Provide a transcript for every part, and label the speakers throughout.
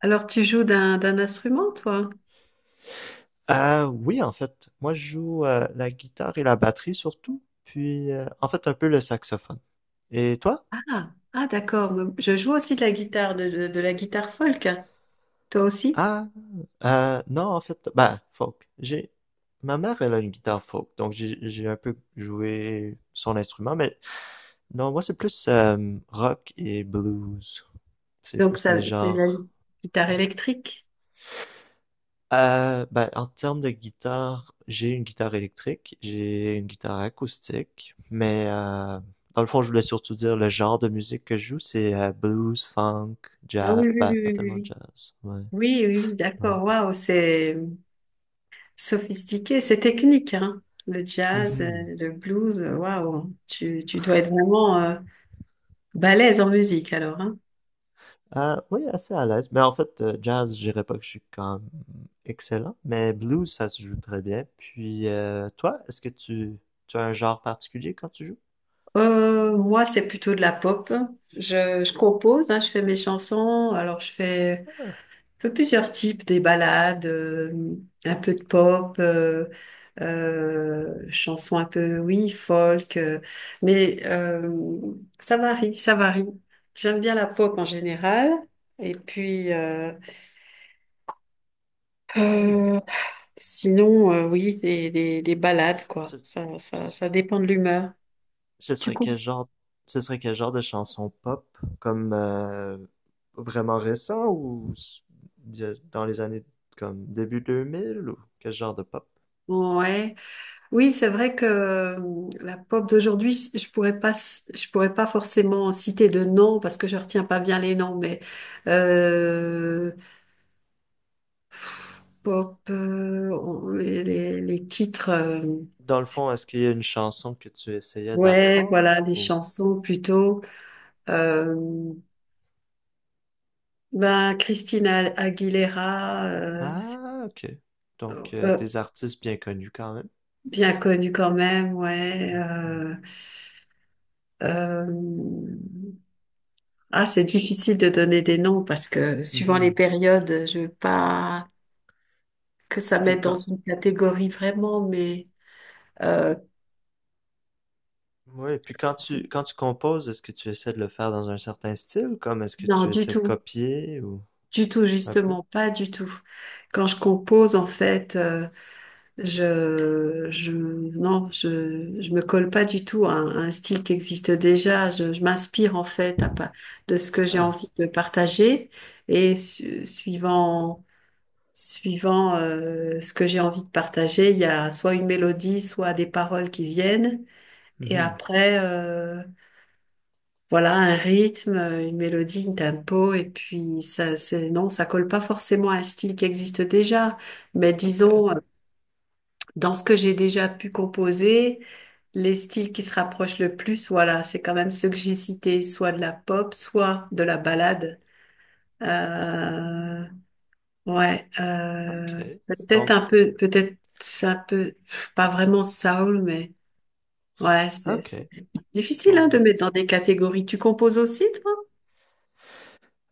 Speaker 1: Alors, tu joues d'un instrument, toi?
Speaker 2: Oui, en fait, moi je joue la guitare et la batterie surtout, puis en fait un peu le saxophone. Et toi?
Speaker 1: Ah, ah, d'accord. Mais je joue aussi de la guitare, de la guitare folk. Toi aussi?
Speaker 2: Ah, non, en fait, bah, folk. J'ai, ma mère, elle a une guitare folk, donc j'ai un peu joué son instrument, mais non, moi c'est plus rock et blues. C'est
Speaker 1: Donc,
Speaker 2: plus les
Speaker 1: ça, c'est la
Speaker 2: genres.
Speaker 1: guitare électrique.
Speaker 2: Ben, en termes de guitare, j'ai une guitare électrique, j'ai une guitare acoustique, mais dans le fond, je voulais surtout dire le genre de musique que je joue, c'est blues, funk,
Speaker 1: Ah
Speaker 2: jazz,
Speaker 1: oui, oui,
Speaker 2: ben,
Speaker 1: oui,
Speaker 2: pas
Speaker 1: oui,
Speaker 2: tellement
Speaker 1: oui.
Speaker 2: jazz, ouais,
Speaker 1: Oui, oui, oui, oui,
Speaker 2: ouais.
Speaker 1: d'accord. Waouh, c'est sophistiqué, c'est technique, hein. Le jazz,
Speaker 2: Mhm.
Speaker 1: le blues, waouh. Tu dois être vraiment balèze en musique, alors, hein.
Speaker 2: Oui, assez à l'aise, mais en fait, jazz, je dirais pas que je suis quand même excellent, mais blues, ça se joue très bien. Puis, toi, tu as un genre particulier quand tu joues?
Speaker 1: Moi, c'est plutôt de la pop. Je compose, hein, je fais mes chansons. Alors, je fais un peu plusieurs types, des balades, un peu de pop, chansons un peu, oui, folk, mais euh, ça varie, ça varie. J'aime bien la pop en général, et puis
Speaker 2: Hmm.
Speaker 1: euh, sinon, oui, des balades, quoi.
Speaker 2: Ce, puis ce-
Speaker 1: Ça dépend de l'humeur.
Speaker 2: ce
Speaker 1: Tu
Speaker 2: serait quel
Speaker 1: comprends.
Speaker 2: ce serait quel genre de chanson pop, comme vraiment récent ou dans les années comme début 2000 ou quel genre de pop?
Speaker 1: Ouais. Oui, c'est vrai que la pop d'aujourd'hui, je pourrais pas forcément citer de noms parce que je retiens pas bien les noms, mais euh, pop, les titres,
Speaker 2: Dans le
Speaker 1: c'est-
Speaker 2: fond, est-ce qu'il y a une chanson que tu essayais
Speaker 1: ouais,
Speaker 2: d'apprendre
Speaker 1: voilà, les
Speaker 2: ou...
Speaker 1: chansons plutôt. Euh, ben Christina Aguilera,
Speaker 2: Ah, ok. Donc,
Speaker 1: euh,
Speaker 2: des artistes bien connus quand même.
Speaker 1: bien connue quand même, ouais.
Speaker 2: Mhm.
Speaker 1: Euh, Ah, c'est difficile de donner des noms parce que suivant les
Speaker 2: Mhm.
Speaker 1: périodes, je veux pas que ça
Speaker 2: Puis
Speaker 1: mette dans
Speaker 2: quand,
Speaker 1: une catégorie vraiment, mais euh,
Speaker 2: ouais, puis quand
Speaker 1: c'est-
Speaker 2: quand tu composes, est-ce que tu essaies de le faire dans un certain style, comme est-ce que
Speaker 1: non,
Speaker 2: tu essaies de copier ou
Speaker 1: du tout,
Speaker 2: un peu?
Speaker 1: justement, pas du tout. Quand je compose, en fait, non, je me colle pas du tout à à un style qui existe déjà. Je m'inspire en fait de ce que j'ai
Speaker 2: Ah,
Speaker 1: envie de partager et suivant. Suivant ce que j'ai envie de partager, il y a soit une mélodie, soit des paroles qui viennent. Et
Speaker 2: mhm.
Speaker 1: après, voilà, un rythme, une mélodie, un tempo. Et puis, c'est, non, ça colle pas forcément à un style qui existe déjà. Mais
Speaker 2: Ok,
Speaker 1: disons, dans ce que j'ai déjà pu composer, les styles qui se rapprochent le plus, voilà, c'est quand même ceux que j'ai cités, soit de la pop, soit de la ballade. Euh, Ouais,
Speaker 2: ok.
Speaker 1: peut-être
Speaker 2: Donc,
Speaker 1: un peu, pff, pas vraiment soul, mais ouais, c'est
Speaker 2: ok.
Speaker 1: difficile
Speaker 2: Donc,
Speaker 1: hein, de mettre dans des catégories. Tu composes aussi, toi?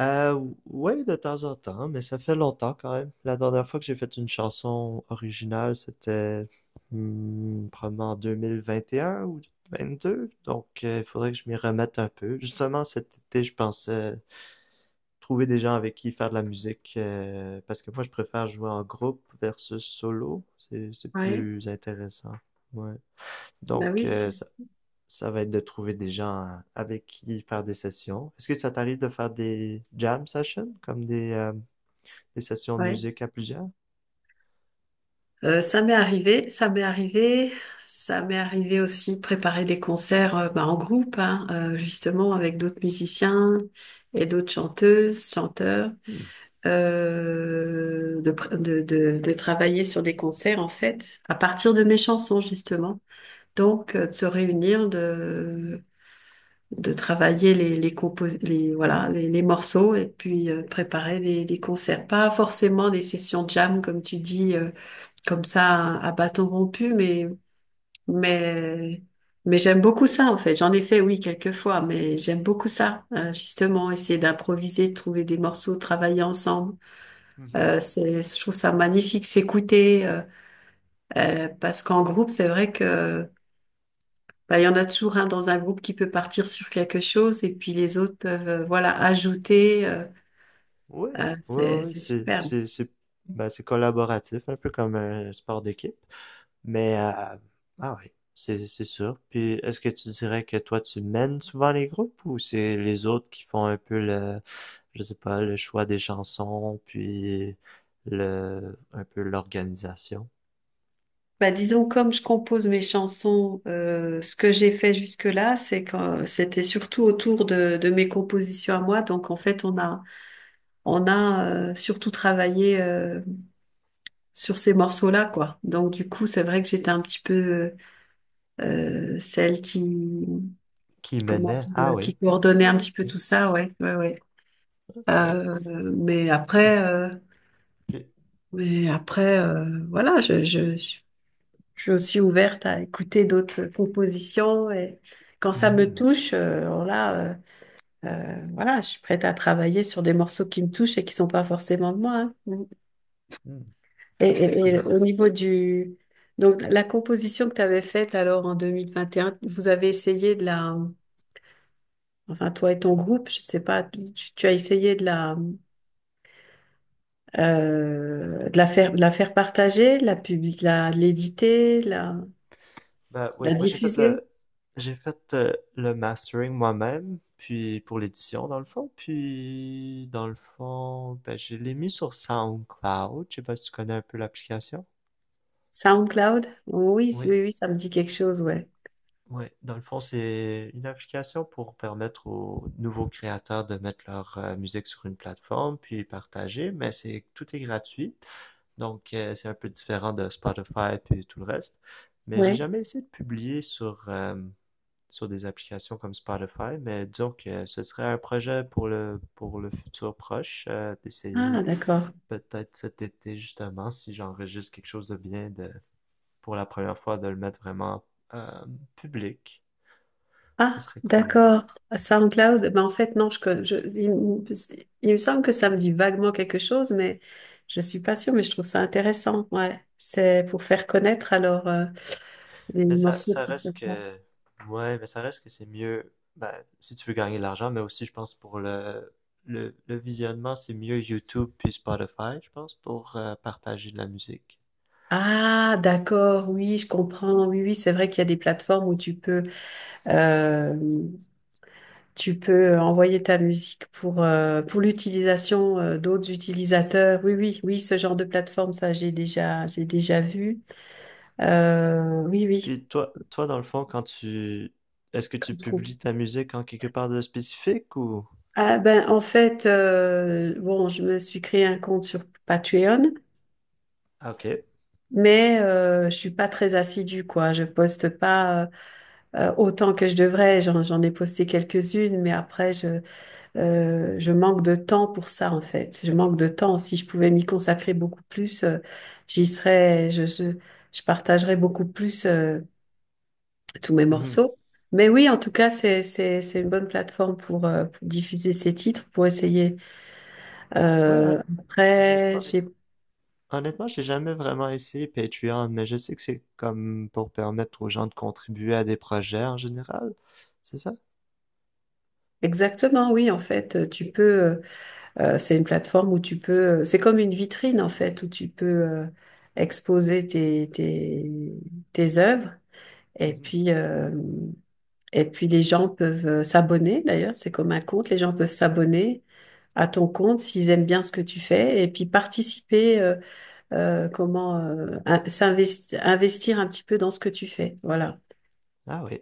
Speaker 2: Ouais, de temps en temps, mais ça fait longtemps quand même. La dernière fois que j'ai fait une chanson originale, c'était probablement en 2021 ou 2022. Donc, il faudrait que je m'y remette un peu. Justement, cet été, je pensais trouver des gens avec qui faire de la musique, parce que moi, je préfère jouer en groupe versus solo. C'est
Speaker 1: Ouais,
Speaker 2: plus intéressant. Ouais.
Speaker 1: bah
Speaker 2: Donc,
Speaker 1: oui, c'est
Speaker 2: ça va être de trouver des gens avec qui faire des sessions. Est-ce que ça t'arrive de faire des jam sessions, comme des sessions de
Speaker 1: ouais.
Speaker 2: musique à plusieurs?
Speaker 1: Ça m'est arrivé, ça m'est arrivé aussi de préparer des concerts bah, en groupe, hein, justement avec d'autres musiciens et d'autres chanteuses, chanteurs,
Speaker 2: Hmm.
Speaker 1: de, pr- de travailler sur des concerts en fait, à partir de mes chansons justement. Donc, de se réunir, de travailler voilà, les morceaux et puis préparer des concerts. Pas forcément des sessions jam, comme tu dis, comme ça, à bâton rompu, mais, mais j'aime beaucoup ça, en fait. J'en ai fait, oui, quelques fois, mais j'aime beaucoup ça, hein, justement, essayer d'improviser, de trouver des morceaux, travailler ensemble.
Speaker 2: Mhm.
Speaker 1: C'est, je trouve ça magnifique, s'écouter, parce qu'en groupe, c'est vrai que bah, il y en a toujours un dans un groupe qui peut partir sur quelque chose et puis les autres peuvent voilà ajouter.
Speaker 2: Oui, oui,
Speaker 1: C'est
Speaker 2: oui,
Speaker 1: superbe.
Speaker 2: c'est, ben, c'est collaboratif, un peu comme un sport d'équipe. Mais, ah oui, c'est sûr. Puis, est-ce que tu dirais que toi, tu mènes souvent les groupes ou c'est les autres qui font un peu je sais pas, le choix des chansons, puis le, un peu l'organisation?
Speaker 1: Bah, disons comme je compose mes chansons, ce que j'ai fait jusque-là, c'est que c'était surtout autour de mes compositions à moi. Donc en fait, on a surtout travaillé sur ces morceaux-là quoi. Donc du coup, c'est vrai que j'étais un petit peu celle qui
Speaker 2: Qui
Speaker 1: comment
Speaker 2: menait. Ah
Speaker 1: dire,
Speaker 2: oui.
Speaker 1: qui
Speaker 2: Ah,
Speaker 1: coordonnait un petit peu
Speaker 2: ok,
Speaker 1: tout ça. Ouais, ouais, ouais.
Speaker 2: ok.
Speaker 1: Euh, mais
Speaker 2: Hmm.
Speaker 1: après, euh,
Speaker 2: Puis-
Speaker 1: mais
Speaker 2: euh,
Speaker 1: après, voilà, je suis aussi ouverte à écouter d'autres compositions et quand ça me
Speaker 2: Hmm.
Speaker 1: touche, voilà, je suis prête à travailler sur des morceaux qui me touchent et qui sont pas forcément de moi. Hein. Mmh.
Speaker 2: Hmm.
Speaker 1: Et,
Speaker 2: Ah, c'est
Speaker 1: et
Speaker 2: bien.
Speaker 1: au niveau du, donc la composition que tu avais faite alors en 2021, vous avez essayé de la, enfin toi et ton groupe, je sais pas, tu as essayé de la de la faire partager, de l'éditer,
Speaker 2: Ben
Speaker 1: de
Speaker 2: oui,
Speaker 1: la
Speaker 2: moi
Speaker 1: diffuser.
Speaker 2: j'ai fait le mastering moi-même, puis pour l'édition dans le fond, puis dans le fond, ben je l'ai mis sur SoundCloud. Je sais pas si tu connais un peu l'application.
Speaker 1: SoundCloud? Oui,
Speaker 2: Oui,
Speaker 1: oui, oui, ça me dit quelque chose, ouais.
Speaker 2: oui. Dans le fond, c'est une application pour permettre aux nouveaux créateurs de mettre leur musique sur une plateforme puis partager, mais c'est tout est gratuit. Donc, c'est un peu différent de Spotify puis tout le reste. Mais j'ai
Speaker 1: Ouais.
Speaker 2: jamais essayé de publier sur des applications comme Spotify, mais disons que ce serait un projet pour pour le futur proche, d'essayer
Speaker 1: Ah, d'accord.
Speaker 2: peut-être cet été justement, si j'enregistre quelque chose de bien, de, pour la première fois, de le mettre vraiment euh, public. Ce
Speaker 1: Ah,
Speaker 2: serait cool.
Speaker 1: d'accord. SoundCloud, ben en fait, non, je, con- je, il me semble que ça me dit vaguement quelque chose, mais je suis pas sûre, mais je trouve ça intéressant. Ouais. C'est pour faire connaître alors. Euh, des
Speaker 2: Mais
Speaker 1: morceaux
Speaker 2: ça
Speaker 1: qui
Speaker 2: reste
Speaker 1: sont pas.
Speaker 2: que, ouais, mais ça reste que c'est mieux, ben, si tu veux gagner de l'argent, mais aussi, je pense, pour le visionnement, c'est mieux YouTube puis Spotify, je pense, pour partager de la musique.
Speaker 1: Ah, d'accord, oui, je comprends. Oui, oui, c'est vrai qu'il y a des plateformes où euh, tu peux envoyer ta musique pour l'utilisation, d'autres utilisateurs. Oui, oui, oui, ce genre de plateforme, ça, j'ai déjà vu. Oui, oui.
Speaker 2: Puis toi, dans le fond, est-ce que tu
Speaker 1: Comme trouve.
Speaker 2: publies ta musique en quelque part de spécifique ou?
Speaker 1: Ah, ben, en fait, bon, je me suis créé un compte sur Patreon.
Speaker 2: Ah, ok.
Speaker 1: Mais je suis pas très assidue, quoi. Je poste pas. Autant que je devrais. J'en ai posté quelques-unes, mais après, je manque de temps pour ça, en fait. Je manque de temps. Si je pouvais m'y consacrer beaucoup plus, j'y serais, je partagerais beaucoup plus tous mes
Speaker 2: Mhm.
Speaker 1: morceaux. Mais oui, en tout cas, c'est une bonne plateforme pour diffuser ces titres, pour essayer.
Speaker 2: Ouais, hon-
Speaker 1: Après,
Speaker 2: honnêtement,
Speaker 1: j'ai
Speaker 2: honnêtement, j'ai jamais vraiment essayé Patreon, mais je sais que c'est comme pour permettre aux gens de contribuer à des projets en général, c'est ça?
Speaker 1: exactement, oui, en fait, tu peux, euh, c'est une plateforme où tu peux, c'est comme une vitrine en fait, où tu peux exposer tes œuvres et
Speaker 2: Mhm.
Speaker 1: puis, euh, et puis les gens peuvent s'abonner d'ailleurs, c'est comme un compte, les gens peuvent s'abonner à ton compte s'ils aiment bien ce que tu fais et puis participer, comment investir un petit peu dans ce que tu fais. Voilà.
Speaker 2: Ah oui.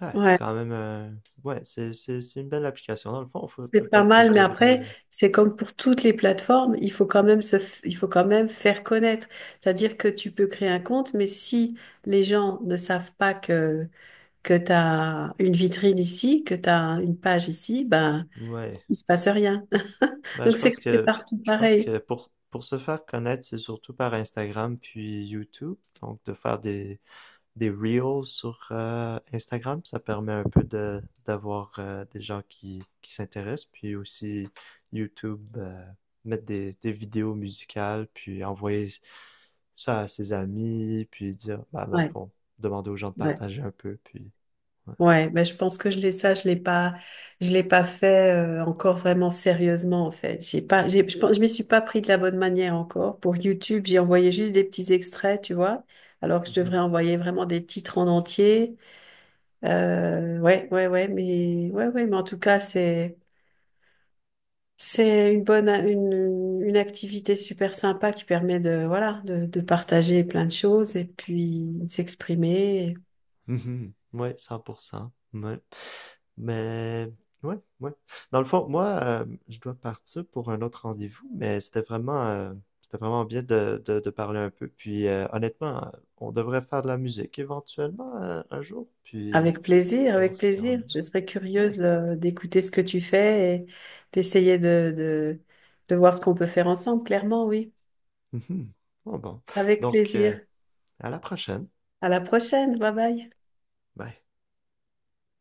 Speaker 2: Ah, c'est quand même ouais, c'est une belle application. Dans le fond,
Speaker 1: C'est pas
Speaker 2: peut-être que
Speaker 1: mal,
Speaker 2: je
Speaker 1: mais après,
Speaker 2: devrais...
Speaker 1: c'est comme pour toutes les plateformes, il faut quand même il faut quand même faire connaître. C'est-à-dire que tu peux créer un compte, mais si les gens ne savent pas que, que tu as une vitrine ici, que tu as une page ici, ben,
Speaker 2: Ouais.
Speaker 1: il se passe rien.
Speaker 2: Ben,
Speaker 1: Donc
Speaker 2: je
Speaker 1: c'est
Speaker 2: pense
Speaker 1: c'est
Speaker 2: que
Speaker 1: partout
Speaker 2: je pense
Speaker 1: pareil.
Speaker 2: que pour se faire connaître, c'est surtout par Instagram puis YouTube. Donc, de faire des reels sur Instagram, ça permet un peu de d'avoir des gens qui s'intéressent. Puis aussi YouTube, mettre des vidéos musicales, puis envoyer ça à ses amis, puis dire, bah, dans le
Speaker 1: Ouais,
Speaker 2: fond, demander aux gens de
Speaker 1: ouais.
Speaker 2: partager un peu, puis... Ouais.
Speaker 1: Ouais, mais je pense que je l'ai ça, je l'ai pas fait encore vraiment sérieusement en fait. J'ai pas, j'ai, je pense, je m'y suis pas pris de la bonne manière encore. Pour YouTube, j'ai envoyé juste des petits extraits, tu vois, alors que je devrais
Speaker 2: Mhm.
Speaker 1: envoyer vraiment des titres en entier. Ouais, ouais, ouais, mais en tout cas, c'est une bonne, une activité super sympa qui permet de, voilà, de partager plein de choses et puis de s'exprimer.
Speaker 2: Mhm. Mhm. Ouais, 100%. Ouais. Mais, ouais, ouais. Dans le fond, moi, je dois partir pour un autre rendez-vous, mais c'était vraiment bien de parler un peu. Puis, honnêtement, on devrait faire de la musique éventuellement un jour, puis
Speaker 1: Avec plaisir,
Speaker 2: voir
Speaker 1: avec
Speaker 2: ce qu'il y en
Speaker 1: plaisir. Je
Speaker 2: a.
Speaker 1: serais
Speaker 2: Ouais.
Speaker 1: curieuse d'écouter ce que tu fais et d'essayer de voir ce qu'on peut faire ensemble, clairement, oui.
Speaker 2: Mhm. Bon, bon.
Speaker 1: Avec
Speaker 2: Donc,
Speaker 1: plaisir.
Speaker 2: à la prochaine.
Speaker 1: À la prochaine. Bye bye.
Speaker 2: Bye.